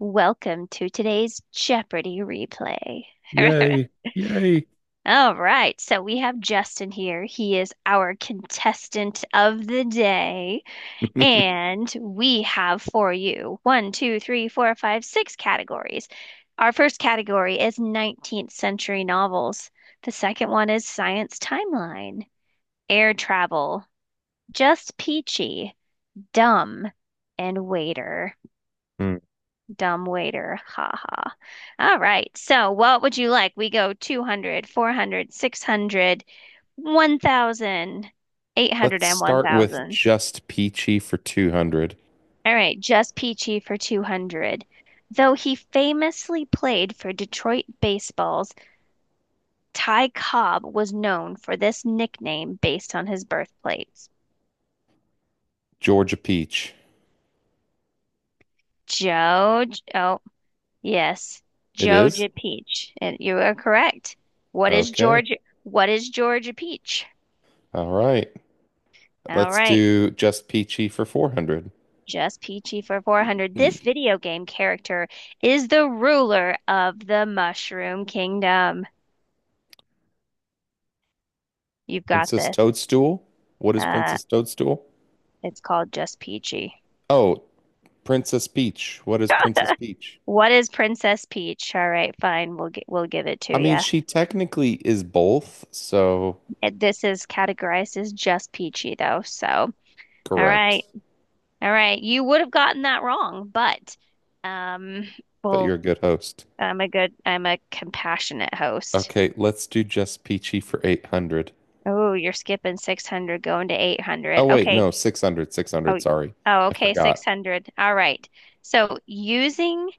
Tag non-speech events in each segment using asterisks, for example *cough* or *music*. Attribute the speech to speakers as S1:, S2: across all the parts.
S1: Welcome to today's Jeopardy replay.
S2: Yay. Yay.
S1: *laughs* All right, so we have Justin here. He is our contestant of the day, and we have for you one, two, three, four, five, six categories. Our first category is 19th century novels. The second one is science timeline, air travel, just peachy, dumb, and waiter.
S2: Hmm.
S1: Dumb waiter. Ha ha. All right. So what would you like? We go 200, 400, 600, 1,000, eight hundred,
S2: Let's
S1: and one
S2: start with
S1: thousand.
S2: just peachy for 200.
S1: All right. Just Peachy for 200. Though he famously played for Detroit Baseball's, Ty Cobb was known for this nickname based on his birthplace.
S2: Georgia peach.
S1: Joe, oh, yes.
S2: It is?
S1: Georgia Peach. And you are correct. What is
S2: Okay.
S1: Georgia? What is Georgia Peach?
S2: All right.
S1: All
S2: Let's
S1: right.
S2: do just peachy for 400.
S1: Just Peachy for 400. This video game character is the ruler of the Mushroom Kingdom. You've got
S2: Princess
S1: this.
S2: Toadstool. What is
S1: Uh,
S2: Princess Toadstool?
S1: it's called Just Peachy.
S2: Oh, Princess Peach. What is Princess
S1: *laughs*
S2: Peach?
S1: What is Princess Peach? All right, fine. We'll get. We'll give it to
S2: I mean,
S1: you.
S2: she technically is both, so
S1: This is categorized as just Peachy though. So, all
S2: correct.
S1: right. All right. You would have gotten that wrong, but um
S2: But
S1: well,
S2: you're a good host.
S1: I'm a compassionate host.
S2: Okay, let's do just peachy for 800.
S1: Oh, you're skipping 600 going to
S2: Oh,
S1: 800.
S2: wait,
S1: Okay.
S2: no, 600, 600,
S1: Oh,
S2: sorry.
S1: oh,
S2: I
S1: okay,
S2: forgot.
S1: 600. All right. So, using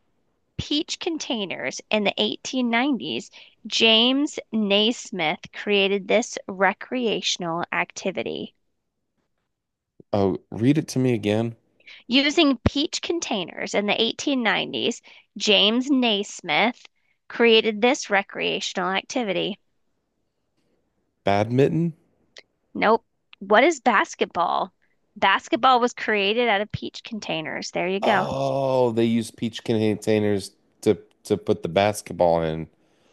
S1: peach containers in the 1890s, James Naismith created this recreational activity.
S2: Oh, read it to me again.
S1: Using peach containers in the 1890s, James Naismith created this recreational activity.
S2: Badminton?
S1: Nope. What is basketball? Basketball was created out of peach containers. There you go.
S2: Oh, they use peach containers to to put the basketball in.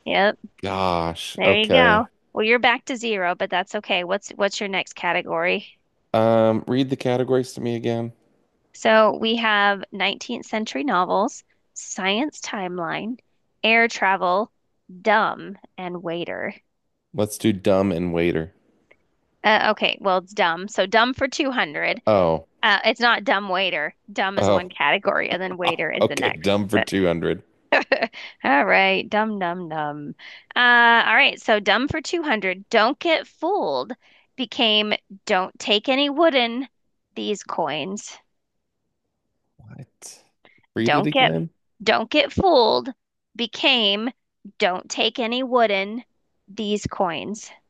S1: Yep.
S2: Gosh.
S1: There you
S2: Okay.
S1: go. Well, you're back to zero, but that's okay. What's your next category?
S2: Read the categories to me again.
S1: So we have 19th century novels, science timeline, air travel, dumb, and waiter.
S2: Let's do dumb and waiter.
S1: Okay, well, it's dumb. So dumb for 200.
S2: Oh.
S1: It's not dumb waiter. Dumb is
S2: Oh.
S1: one category, and then waiter is the
S2: Okay,
S1: next.
S2: dumb
S1: *laughs*
S2: for
S1: But-
S2: 200.
S1: All right, dumb, dumb, dumb. All right, so dumb for 200. Don't get fooled became don't take any wooden these coins.
S2: What? Read it
S1: Don't get
S2: again?
S1: don't get fooled became don't take any wooden these coins. *laughs*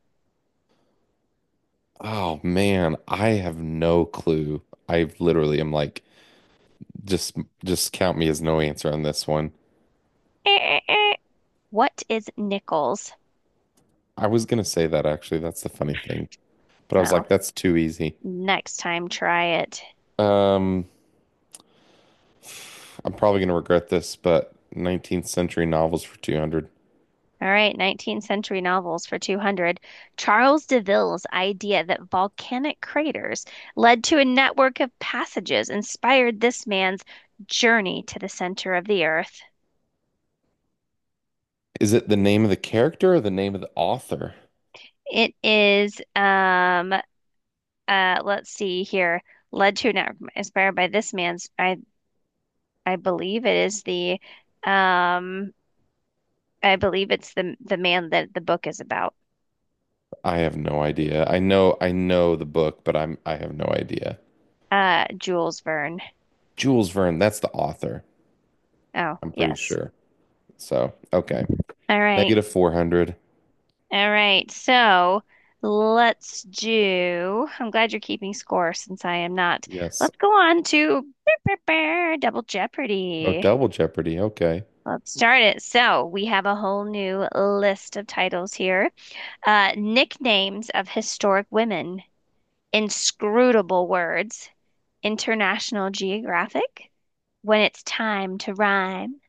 S2: Oh man, I have no clue. I literally am like just just count me as no answer on this one.
S1: Eh, eh, eh. What is nickels?
S2: I was gonna say that actually. That's the funny thing. But I was like
S1: Well,
S2: that's too easy.
S1: next time try it.
S2: Um, I'm probably going to regret this, but 19th century novels for 200.
S1: All right, 19th century novels for 200. Charles DeVille's idea that volcanic craters led to a network of passages inspired this man's journey to the center of the earth.
S2: Is it the name of the character or the name of the author?
S1: It is let's see here. Led to and inspired by this man's. I believe it is the. Um, I believe it's the man that the book is about.
S2: I have no idea. I know the book, but I have no idea.
S1: Jules Verne.
S2: Jules Verne, that's the author.
S1: Oh,
S2: I'm pretty
S1: yes.
S2: sure. So, okay.
S1: All right.
S2: Negative 400.
S1: All right. So let's do. I'm glad you're keeping score since I am not.
S2: Yes.
S1: Let's go on to *laughs* Double
S2: Oh,
S1: Jeopardy.
S2: double Jeopardy. Okay.
S1: Let's start it. So we have a whole new list of titles here. Nicknames of historic women, inscrutable words, International Geographic, when it's time to rhyme,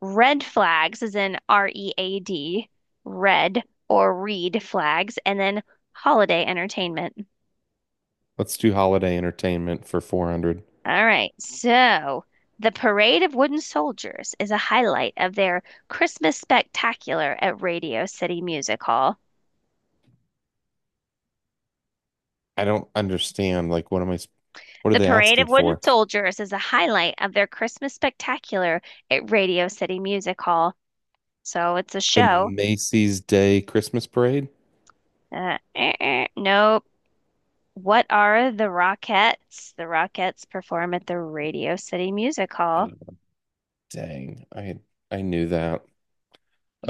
S1: red flags is in READ, red or read flags, and then holiday entertainment.
S2: Let's do holiday entertainment for 400.
S1: All right, so the Parade of Wooden Soldiers is a highlight of their Christmas spectacular at Radio City Music Hall.
S2: I don't understand. Like, what are
S1: The
S2: they
S1: parade of
S2: asking
S1: wooden
S2: for?
S1: soldiers is a highlight of their Christmas spectacular at Radio City Music Hall. So it's a
S2: The
S1: show.
S2: Macy's Day Christmas Parade?
S1: Nope. What are the Rockettes? The Rockettes perform at the Radio City Music Hall.
S2: Dang, I knew that.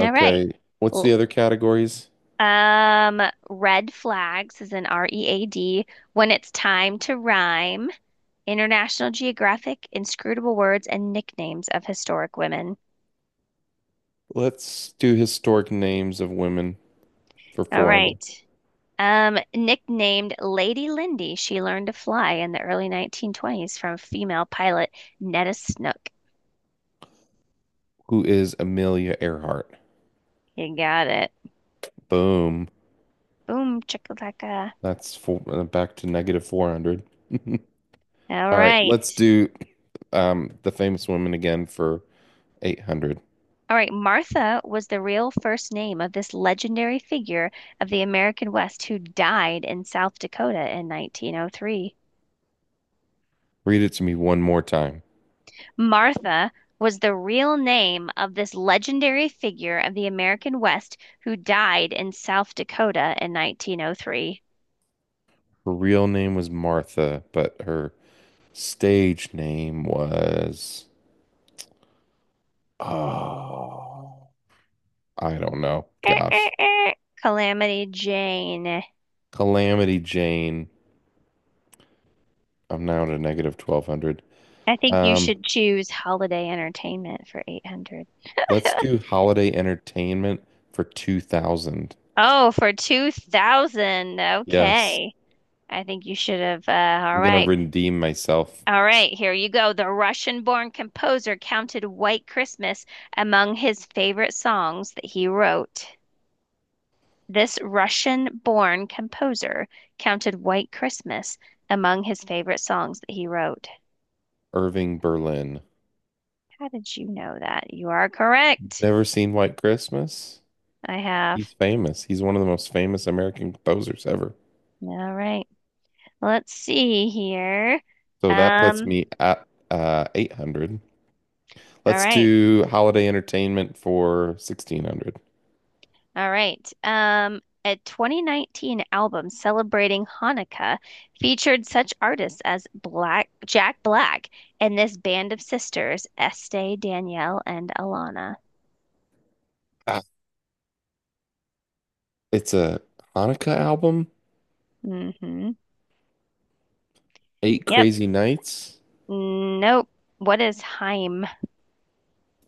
S1: All right.
S2: what's the
S1: L-
S2: other categories?
S1: Um, red flags is an READ. When it's time to rhyme. International Geographic, inscrutable words and nicknames of historic women.
S2: Let's do historic names of women for
S1: All
S2: 400.
S1: right. Nicknamed Lady Lindy, she learned to fly in the early 1920s from female pilot Netta Snook.
S2: Who is Amelia Earhart?
S1: You got it.
S2: Boom.
S1: Boom, chakalaka.
S2: That's four, back to negative 400. *laughs*
S1: All
S2: All right, let's
S1: right.
S2: do the famous woman again for 800.
S1: All right. Martha was the real first name of this legendary figure of the American West who died in South Dakota in 1903.
S2: Read it to me one more time.
S1: Martha was the real name of this legendary figure of the American West who died in South Dakota in 1903.
S2: Her real name was Martha, but her stage name was, oh, I don't know.
S1: Eh, eh,
S2: Gosh.
S1: eh. Calamity Jane.
S2: Calamity Jane. I'm now at a negative 1200.
S1: I think you
S2: Um,
S1: should choose Holiday Entertainment for 800.
S2: let's
S1: *laughs*
S2: do holiday entertainment for 2000.
S1: Oh, for 2000.
S2: Yes,
S1: Okay. I think you should have. All
S2: I'm gonna
S1: right.
S2: redeem myself.
S1: All right. Here you go. The Russian-born composer counted White Christmas among his favorite songs that he wrote. This Russian-born composer counted White Christmas among his favorite songs that he wrote.
S2: Irving Berlin.
S1: How did you know that? You are correct.
S2: Never seen White Christmas?
S1: I have
S2: He's famous. He's one of the most famous American composers ever.
S1: All right. Let's see here.
S2: So that puts
S1: Um,
S2: me at 800.
S1: all
S2: Let's
S1: right.
S2: do holiday entertainment for 1600.
S1: All right. A 2019 album celebrating Hanukkah featured such artists as Black Jack Black and this band of sisters, Estee, Danielle, and Alana.
S2: Ah, it's a Hanukkah album,
S1: Mm-hmm.
S2: Eight
S1: Yep.
S2: Crazy Nights.
S1: Nope. What is Haim?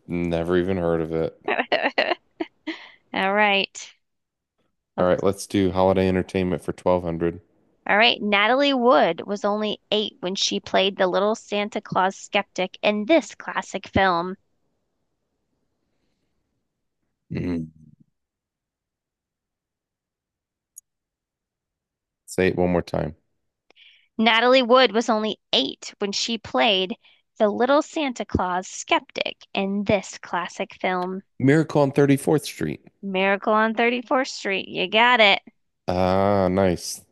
S2: Never even heard of it.
S1: *laughs* All right.
S2: All right,
S1: Let's-
S2: let's do Holiday Entertainment for 1200.
S1: all right. Natalie Wood was only eight when she played the little Santa Claus skeptic in this classic film.
S2: Mhm. Say it one more time.
S1: Natalie Wood was only eight when she played the Little Santa Claus skeptic in this classic film,
S2: Miracle on 34th Street.
S1: Miracle on 34th Street. You got it.
S2: Ah, nice.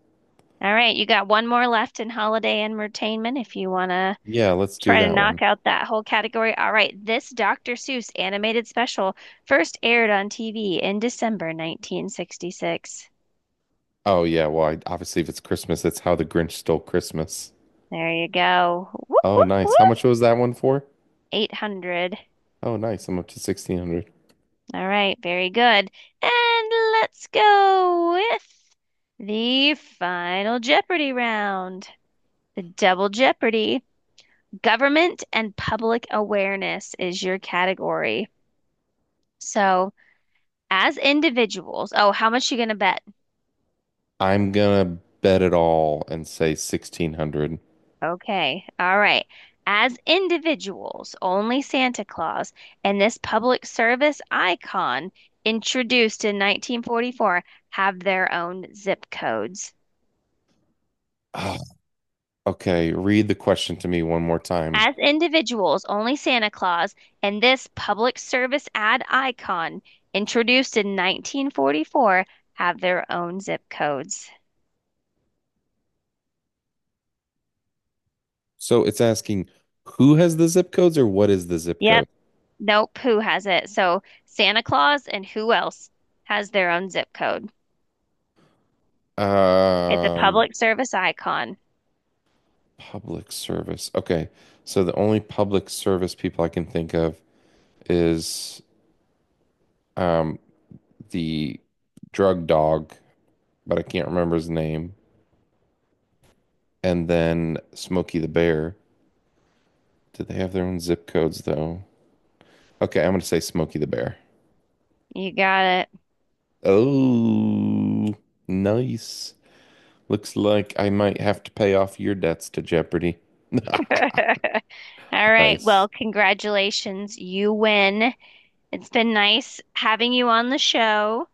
S1: All right, you got one more left in holiday entertainment if you want to
S2: Yeah, let's do
S1: try to
S2: that one.
S1: knock out that whole category. All right, this Dr. Seuss animated special first aired on TV in December 1966.
S2: Oh, yeah. Well, I, obviously, if it's Christmas, it's How the Grinch Stole Christmas.
S1: There you go. Whoop,
S2: Oh,
S1: whoop,
S2: nice. How
S1: whoop.
S2: much was that one for?
S1: 800.
S2: Oh, nice. I'm up to 1600.
S1: All right, very good. And let's go with the final Jeopardy round. The double Jeopardy. Government and public awareness is your category. So, as individuals, oh, how much you gonna bet?
S2: I'm gonna bet it all and say 1600.
S1: Okay, all right. As individuals, only Santa Claus and this public service icon introduced in 1944 have their own zip codes.
S2: Ah, okay, read the question to me one more time.
S1: As individuals, only Santa Claus and this public service ad icon, introduced in 1944, have their own zip codes.
S2: So it's asking who has the zip codes or what is the zip
S1: Yep,
S2: code?
S1: nope, who has it? So Santa Claus and who else has their own zip code? It's a
S2: Um,
S1: public service icon.
S2: Public service. Okay. So the only public service people I can think of is um the drug dog, but I can't remember his name, and then Smokey the Bear. Do they have their own zip codes though? Okay, I'm gonna say Smokey the Bear.
S1: You got
S2: Oh, nice. Looks like I might have to pay off your debts to Jeopardy.
S1: it. *laughs* All right,
S2: Nice.
S1: well, congratulations. You win. It's been nice having you on the show,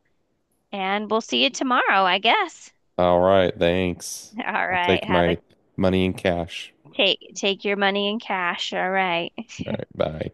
S1: and we'll see you tomorrow, I guess.
S2: All right, thanks.
S1: *laughs* All
S2: I'll
S1: right,
S2: take
S1: have a
S2: my money in cash.
S1: take your money in cash. All right.
S2: All right,
S1: *laughs*
S2: bye.